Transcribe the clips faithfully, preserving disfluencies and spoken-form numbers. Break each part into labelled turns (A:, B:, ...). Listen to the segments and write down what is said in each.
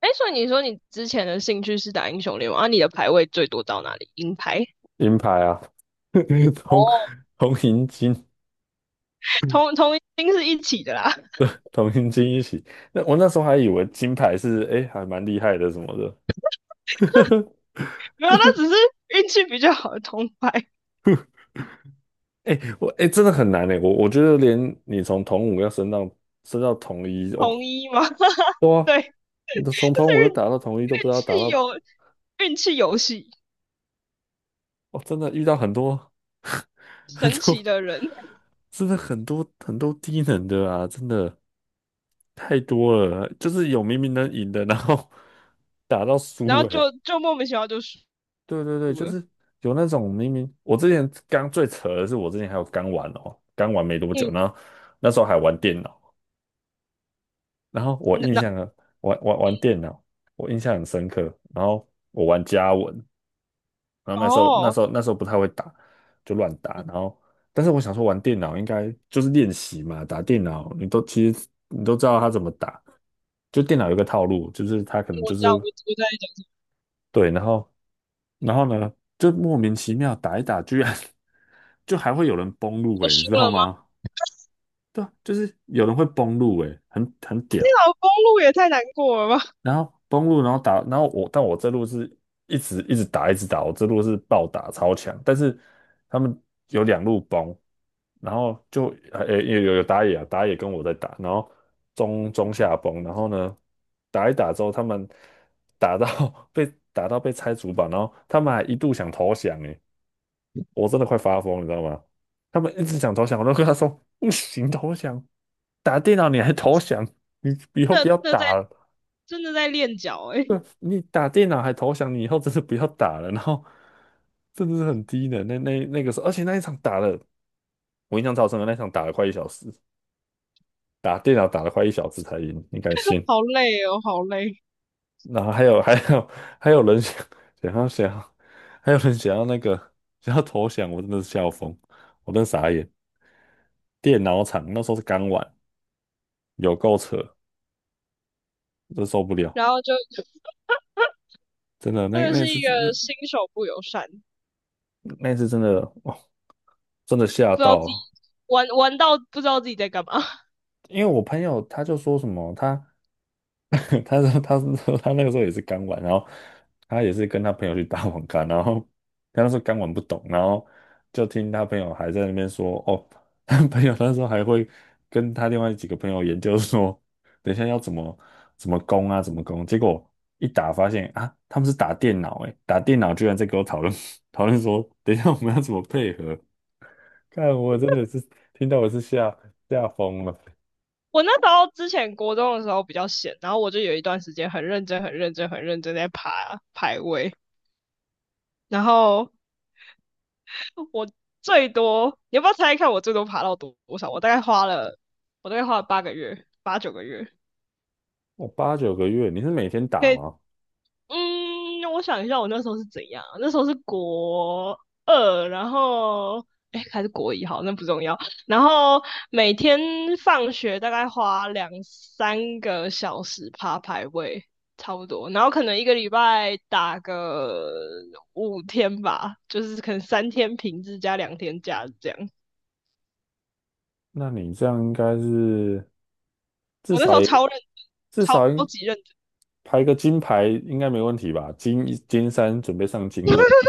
A: 哎，所以你说你之前的兴趣是打英雄联盟啊？你的排位最多到哪里？银牌，
B: 银牌啊。同
A: 哦，
B: 同银金，
A: 同同一定是一起的啦。
B: 同银金一起。那我那时候还以为金牌是哎、诶还蛮厉害的什么的，
A: 没有啊，那只是运气比较好的同牌
B: 哎、我哎、真的很难哎、我我觉得连你从同五要升到升到同一哦，
A: 同一嘛。
B: 哇，
A: 对，
B: 你都从
A: 就
B: 同五
A: 是
B: 又
A: 运
B: 打到同一都不
A: 运
B: 知道打
A: 气
B: 到。
A: 有运气游戏，
B: 哦，真的遇到很多 很
A: 神
B: 多，
A: 奇的人，
B: 真的很多很多低能的啊，真的太多了，就是有明明能赢的，然后 打到
A: 然
B: 输
A: 后就
B: 哎、
A: 就莫名其妙就输
B: 对对对，就
A: 了。
B: 是有那种明明我之前刚最扯的是，我之前还有刚玩哦，刚玩没多久，
A: 嗯，
B: 然后那时候还玩电脑，然后我
A: 那
B: 印
A: 那
B: 象呢，玩玩玩电脑，我印象很深刻。然后我玩家文，然后那时候那
A: 哦，
B: 时候那时候不太会打，就乱打。然后但是我想说玩电脑应该就是练习嘛，打电脑你都其实你都知道他怎么打，就电脑有一个套路，就是他可能
A: 我
B: 就
A: 知道，我
B: 是
A: 我在讲什么，
B: 对，然后然后呢，就莫名其妙打一打，居然 就还会有人崩路
A: 就
B: 诶，你
A: 输
B: 知
A: 了
B: 道
A: 吗？
B: 吗？对啊，就是有人会崩路诶，很很屌。
A: 那条公路也太难过了吧！
B: 然后崩路，然后打，然后我，但我这路是一直一直打，一直打，我这路是暴打超强，但是他们有两路崩，然后就呃、诶有有有打野啊，打野跟我在打，然后中中下崩，然后呢打一打之后，他们打到 被打到被拆主板，然后他们还一度想投降，诶，我真的快发疯，你知道吗？他们一直想投降，我都跟他说不行，投降，打电脑你还投降，你 以
A: 真
B: 后
A: 的
B: 不要
A: 真的在
B: 打了。
A: 真的在练脚哎、欸
B: 你打电脑还投降，你以后真的不要打了。然后真的是很低的那那那个时候，而且那一场打了，我印象超深的，那一场打了快一小时，打电脑打了快一小时才赢，你敢信？
A: 好累哦，好累。
B: 然后还有还有还有人想想要想要，还有人想要那个想要投降，我真的是笑疯，我真的傻眼。电脑厂那时候是刚玩，有够扯，真受不了，
A: 然后就
B: 真的
A: 真
B: 那
A: 的
B: 那
A: 是
B: 次
A: 一
B: 那
A: 个新手不友善，不
B: 那次真的哦，真的吓
A: 知道自己
B: 到，
A: 玩玩到不知道自己在干嘛。
B: 因为我朋友他就说什么，他 他说他是说他那个时候也是刚玩，然后他也是跟他朋友去打网咖，然后他那时候刚玩不懂，然后就听他朋友还在那边说，哦，他朋友那时候还会跟他另外几个朋友研究说，等一下要怎么怎么攻啊，怎么攻，结果一打发现啊，他们是打电脑，诶，打电脑居然在跟我讨论 讨论说，等一下我们要怎么配合，看我真的是听到我是吓吓疯了。
A: 我那时候之前国中的时候比较闲，然后我就有一段时间很认真、很认真、很认真在爬排位，然后我最多，你要不要猜一看我最多爬到多多少？我大概花了，我大概花了八个月、八九个月，
B: 哦，八九个月，你是每天打
A: 可以
B: 吗？
A: 嗯，我想一下，我那时候是怎样啊？那时候是国二，然后哎，诶还是国一，好，那不重要。然后每天放学大概花两三个小时爬排位，差不多。然后可能一个礼拜打个五天吧，就是可能三天平日加两天假日这样。
B: 那你这样应该是至
A: 我那时
B: 少
A: 候
B: 也
A: 超认真，
B: 至
A: 超
B: 少应
A: 级认真，
B: 排个金牌应该没问题吧？金一金三准备上金二，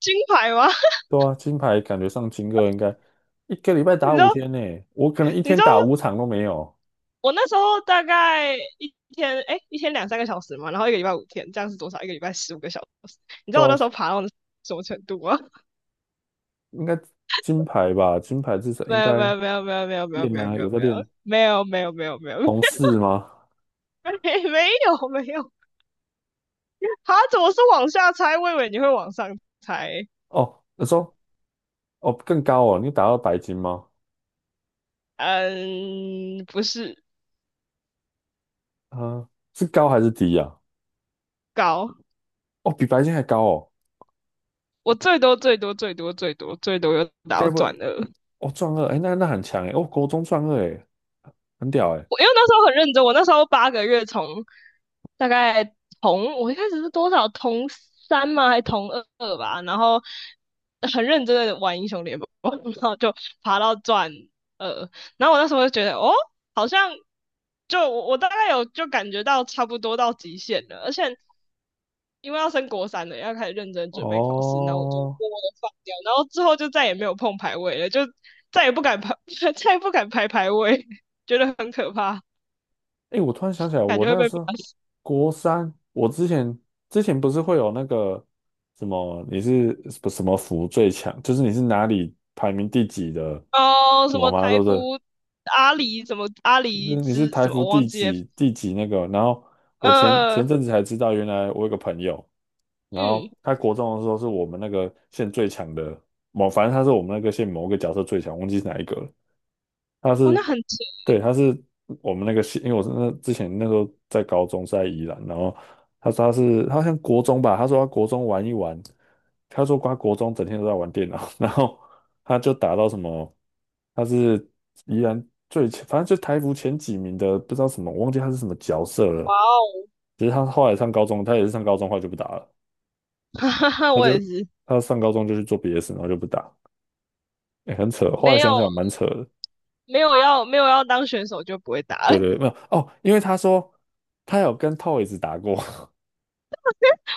A: 金牌吗？
B: 对啊，金牌感觉上金二应该一个礼拜
A: 你
B: 打
A: 知道，
B: 五天呢，我可能一
A: 你知
B: 天
A: 道
B: 打五场都没有，
A: 我那时候大概一天，哎，一天两三个小时嘛，然后一个礼拜五天，这样是多少？一个礼拜十五个小时。你知
B: 对
A: 道我那
B: 啊
A: 时候爬到什么程度吗？
B: 应该金牌吧？金牌至少
A: 没
B: 应
A: 有，没
B: 该
A: 有，没有，没有，没有，没有，没有，
B: 练
A: 没
B: 啊，有
A: 有，
B: 在
A: 没
B: 练
A: 有，没有，没有，没有，没有，没
B: 红四吗？
A: 没有，没有。啊，怎么是往下猜？我以为你会往上猜。
B: 哦，你说哦更高哦，你打到白金吗？
A: 嗯，不是
B: 啊、是高还是低呀、啊？
A: 高，
B: 哦，比白金还高哦，
A: 我最多最多最多最多最多又
B: 该
A: 倒
B: 不
A: 转
B: 会？
A: 了。
B: 哦，壮二，哎，那那很强哎，哦，国中壮二哎，很屌哎，
A: 我因为那时候很认真，我那时候八个月从大概同我一开始是多少同三吗？还同二二吧，然后很认真的玩英雄联盟，然后就爬到钻二，然后我那时候就觉得哦，好像就我我大概有就感觉到差不多到极限了，而且。因为要升国三了，要开始认真准备考试，然后我就
B: 哦，
A: 默默的放掉，然后之后就再也没有碰排位了，就再也不敢排，再也不敢排排位，觉得很可怕。
B: 哎，我突然想起来，
A: 感
B: 我
A: 觉会
B: 那
A: 被
B: 时候
A: 骂死。
B: 国三，我之前之前不是会有那个什么，你是什么什么服最强，就是你是哪里排名第几的
A: 哦，
B: 什
A: 什
B: 么
A: 么
B: 吗？对
A: 台
B: 不
A: 服
B: 对？
A: 阿里，什么阿
B: 就
A: 里
B: 是你是
A: 之
B: 台
A: 什么，
B: 服
A: 我忘
B: 第
A: 记了。
B: 几第几那个？然后我前
A: 呃，
B: 前阵子才知道，原来我有个朋友，然
A: 嗯，
B: 后他国中的时候是我们那个县最强的某，反正他是我们那个县某个角色最强，忘记是哪一个了。他
A: 哦，
B: 是，
A: 那很扯，
B: 对，他是我们那个系，因为我是那之前那时候在高中是在宜兰，然后他说他是他好像国中吧，他说他国中玩一玩，他说他国中整天都在玩电脑，然后他就打到什么，他是宜兰最前反正就台服前几名的，不知道什么，我忘记他是什么角色
A: 哇
B: 了。
A: 哦，
B: 只是他后来上高中，他也是上高中后来就不打了，
A: 哈哈哈，
B: 他
A: 我
B: 就
A: 也是，
B: 他上高中就去做别的事，然后就不打，哎、很扯，后来
A: 没有
B: 想想蛮扯的。
A: 没有要没有要当选手就不会打
B: 对
A: 了。
B: 对，没有 哦，因为他说他有跟 Toys 打过，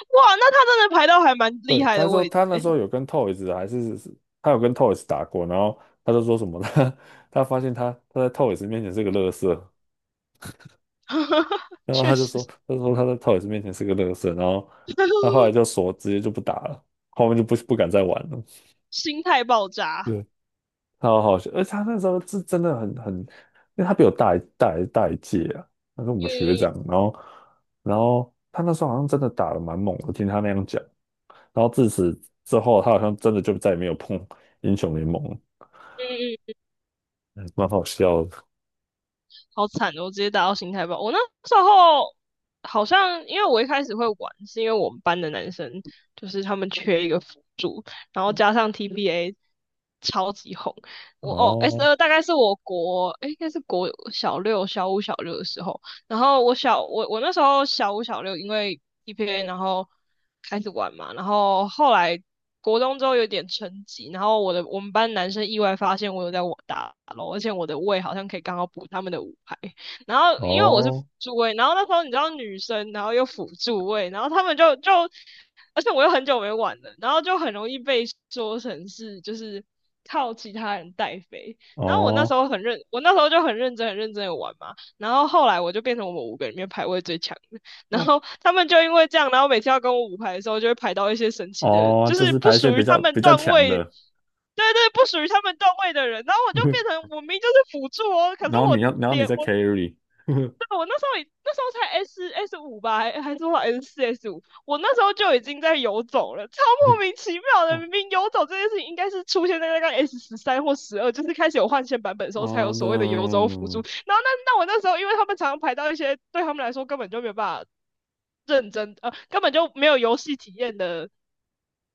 A: 哇，那他真的排到还蛮 厉
B: 对，
A: 害
B: 他
A: 的
B: 说
A: 位置，
B: 他那时候有跟 Toys 还是他有跟 Toys 打过，然后他就说什么他 他发现他他在 Toys 面前是个乐色，然后
A: 确
B: 他就说
A: 实，
B: 他就说他在 Toys 面前是个乐色，然后他后来就 说直接就不打了，后面就不不敢再玩了。
A: 心态爆炸。
B: 对，超好笑，而且他那时候是真的很很，因为他比我大一大一大一届啊，他是我们学长，
A: 嗯
B: 然后然后他那时候好像真的打得蛮猛的，听他那样讲，然后自此之后，他好像真的就再也没有碰英雄联盟了，
A: 嗯嗯。
B: 嗯蛮好笑的。
A: 好惨的，我直接打到心态爆。我那时候好像因为我一开始会玩，是因为我们班的男生就是他们缺一个辅助，然后加上 T B A 超级红。我哦，S
B: 哦
A: 二大概是我国，诶应该是国小六、小五、小六的时候，然后我小我我那时候小五小六，因为 E P A 然后开始玩嘛，然后后来国中之后有点成绩，然后我的我们班男生意外发现我有在我打咯，而且我的位好像可以刚好补他们的五排，然后因为我是辅
B: 哦
A: 助位，然后那时候你知道女生，然后又辅助位，然后他们就就，而且我又很久没玩了，然后就很容易被说成是就是靠其他人带飞。然后我那时
B: 哦
A: 候很认，我那时候就很认真、很认真的玩嘛。然后后来我就变成我们五个里面排位最强的，然
B: 哦
A: 后他们就因为这样，然后每次要跟我五排的时候，就会排到一些神奇的，
B: 哦，
A: 就
B: 就
A: 是
B: 是
A: 不
B: 排一些
A: 属
B: 比
A: 于他
B: 较
A: 们
B: 比较
A: 段
B: 强
A: 位，
B: 的，
A: 对对，不属于他们段位的人，然后我就变成 我明明就是辅助哦，可是
B: 然后
A: 我
B: 你要然后你
A: 连
B: 在
A: 我
B: carry，
A: 对，我那时候已那时候才 S S 五吧，还还是多少 S 四 S 五，我那时候就已经在游走了，超莫名其妙的。
B: 哦
A: 明明游走这件事情应该是出现在那个 S 十三或十二，就是开始有换线版本的时候才有
B: 哦的，
A: 所谓的游走辅助。然后那那我那时候，因为他们常常排到一些对他们来说根本就没有办法认真，呃，根本就没有游戏体验的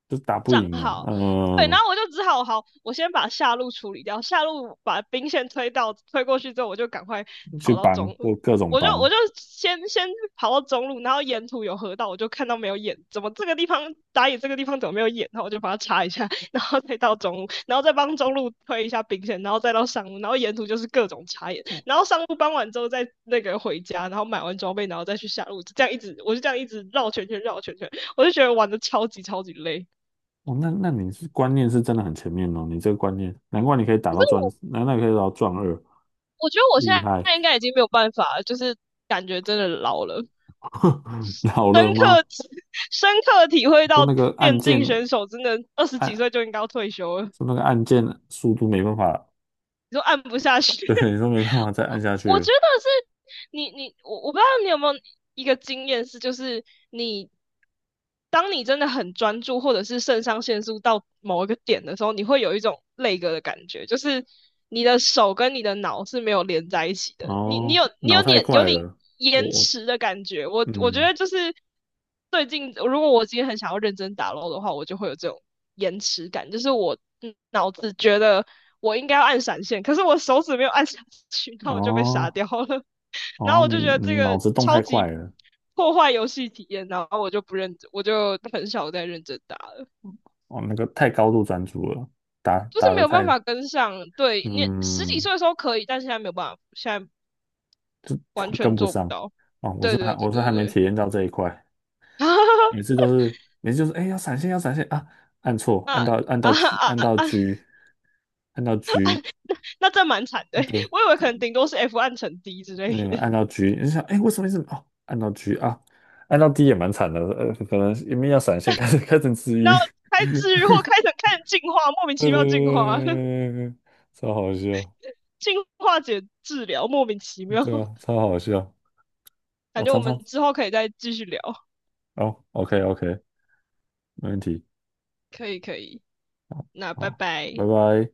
B: 就是打不
A: 账
B: 赢啊，
A: 号。对，然
B: 嗯。
A: 后我就只好好，我先把下路处理掉，下路把兵线推到推过去之后，我就赶快
B: 去
A: 跑到
B: 帮，
A: 中路，
B: 各各种
A: 我就
B: 帮。
A: 我就先先跑到中路，然后沿途有河道，我就看到没有眼，怎么这个地方打野这个地方怎么没有眼，然后我就把它插一下，然后再到中路，然后再帮中路推一下兵线，然后再到上路，然后沿途就是各种插眼，然后上路帮完之后再那个回家，然后买完装备，然后再去下路，这样一直我就这样一直绕圈圈绕圈圈，我就觉得玩的超级超级累。
B: 哦，那那你是观念是真的很前面哦，你这个观念，难怪你可以打到钻，难怪你可以打到钻二，
A: 我觉得我现
B: 厉害，
A: 在应该已经没有办法了，就是感觉真的老了，
B: 老
A: 深
B: 了
A: 刻
B: 吗？
A: 深刻体会
B: 说
A: 到
B: 那个按
A: 电
B: 键
A: 竞选手真的二十几
B: 按，
A: 岁就应该要退休了，
B: 说那个按键速度没办法，
A: 你说按不下去。
B: 对，你说没办法再
A: 我
B: 按下去
A: 我觉
B: 了
A: 得是你你我我不知道你有没有一个经验是，就是你当你真的很专注，或者是肾上腺素到某一个点的时候，你会有一种累个的感觉，就是你的手跟你的脑是没有连在一起的，你你
B: 哦，
A: 有你
B: 脑
A: 有
B: 太
A: 点有
B: 快
A: 点
B: 了，我
A: 延
B: 我
A: 迟的感觉。我我觉
B: 嗯，
A: 得就是最近，如果我今天很想要认真打 l 的话，我就会有这种延迟感，就是我嗯脑子觉得。我应该要按闪现，可是我手指没有按下去，那我就被杀
B: 哦
A: 掉了。然后
B: 哦，
A: 我
B: 你
A: 就觉得这
B: 你脑
A: 个
B: 子动
A: 超
B: 太快
A: 级
B: 了，
A: 破坏游戏体验，然后我就不认真，我就很少再认真打了，
B: 哦，那个太高度专注了，打
A: 就
B: 打
A: 是没
B: 的
A: 有办
B: 太，
A: 法跟上。对你十几
B: 嗯，
A: 岁的时候可以，但现在没有办法，现在
B: 就
A: 完
B: 会跟
A: 全
B: 不
A: 做不
B: 上
A: 到。
B: 哦。我
A: 对
B: 是还
A: 对对
B: 我是还
A: 对
B: 没
A: 对，
B: 体验到这一块，每次 都是每次就是哎要闪现要闪现啊，按错按到按
A: 啊
B: 到 G
A: 啊
B: 按到
A: 啊！
B: G 按到 G，
A: 那这蛮惨的，
B: 对，
A: 我以为可能顶多是 F 暗沉 D 之类
B: 没有
A: 的，
B: 按到 G，你就想哎为什么为什哦按到 G 啊，按到 D 也蛮惨的，呃可能因为要闪现开始开始治
A: 然
B: 愈，
A: 后开 治愈或开成开始进化，莫名
B: 对
A: 其
B: 对对
A: 妙进化，
B: 对对对，超好笑，
A: 进化解治疗，莫名其妙。
B: 对啊超好笑，
A: 感
B: 我、
A: 觉我
B: 常
A: 们
B: 常
A: 之后可以再继续聊，
B: 哦 OK OK 没问题，
A: 可以可以。那拜
B: 好，
A: 拜。
B: 拜拜。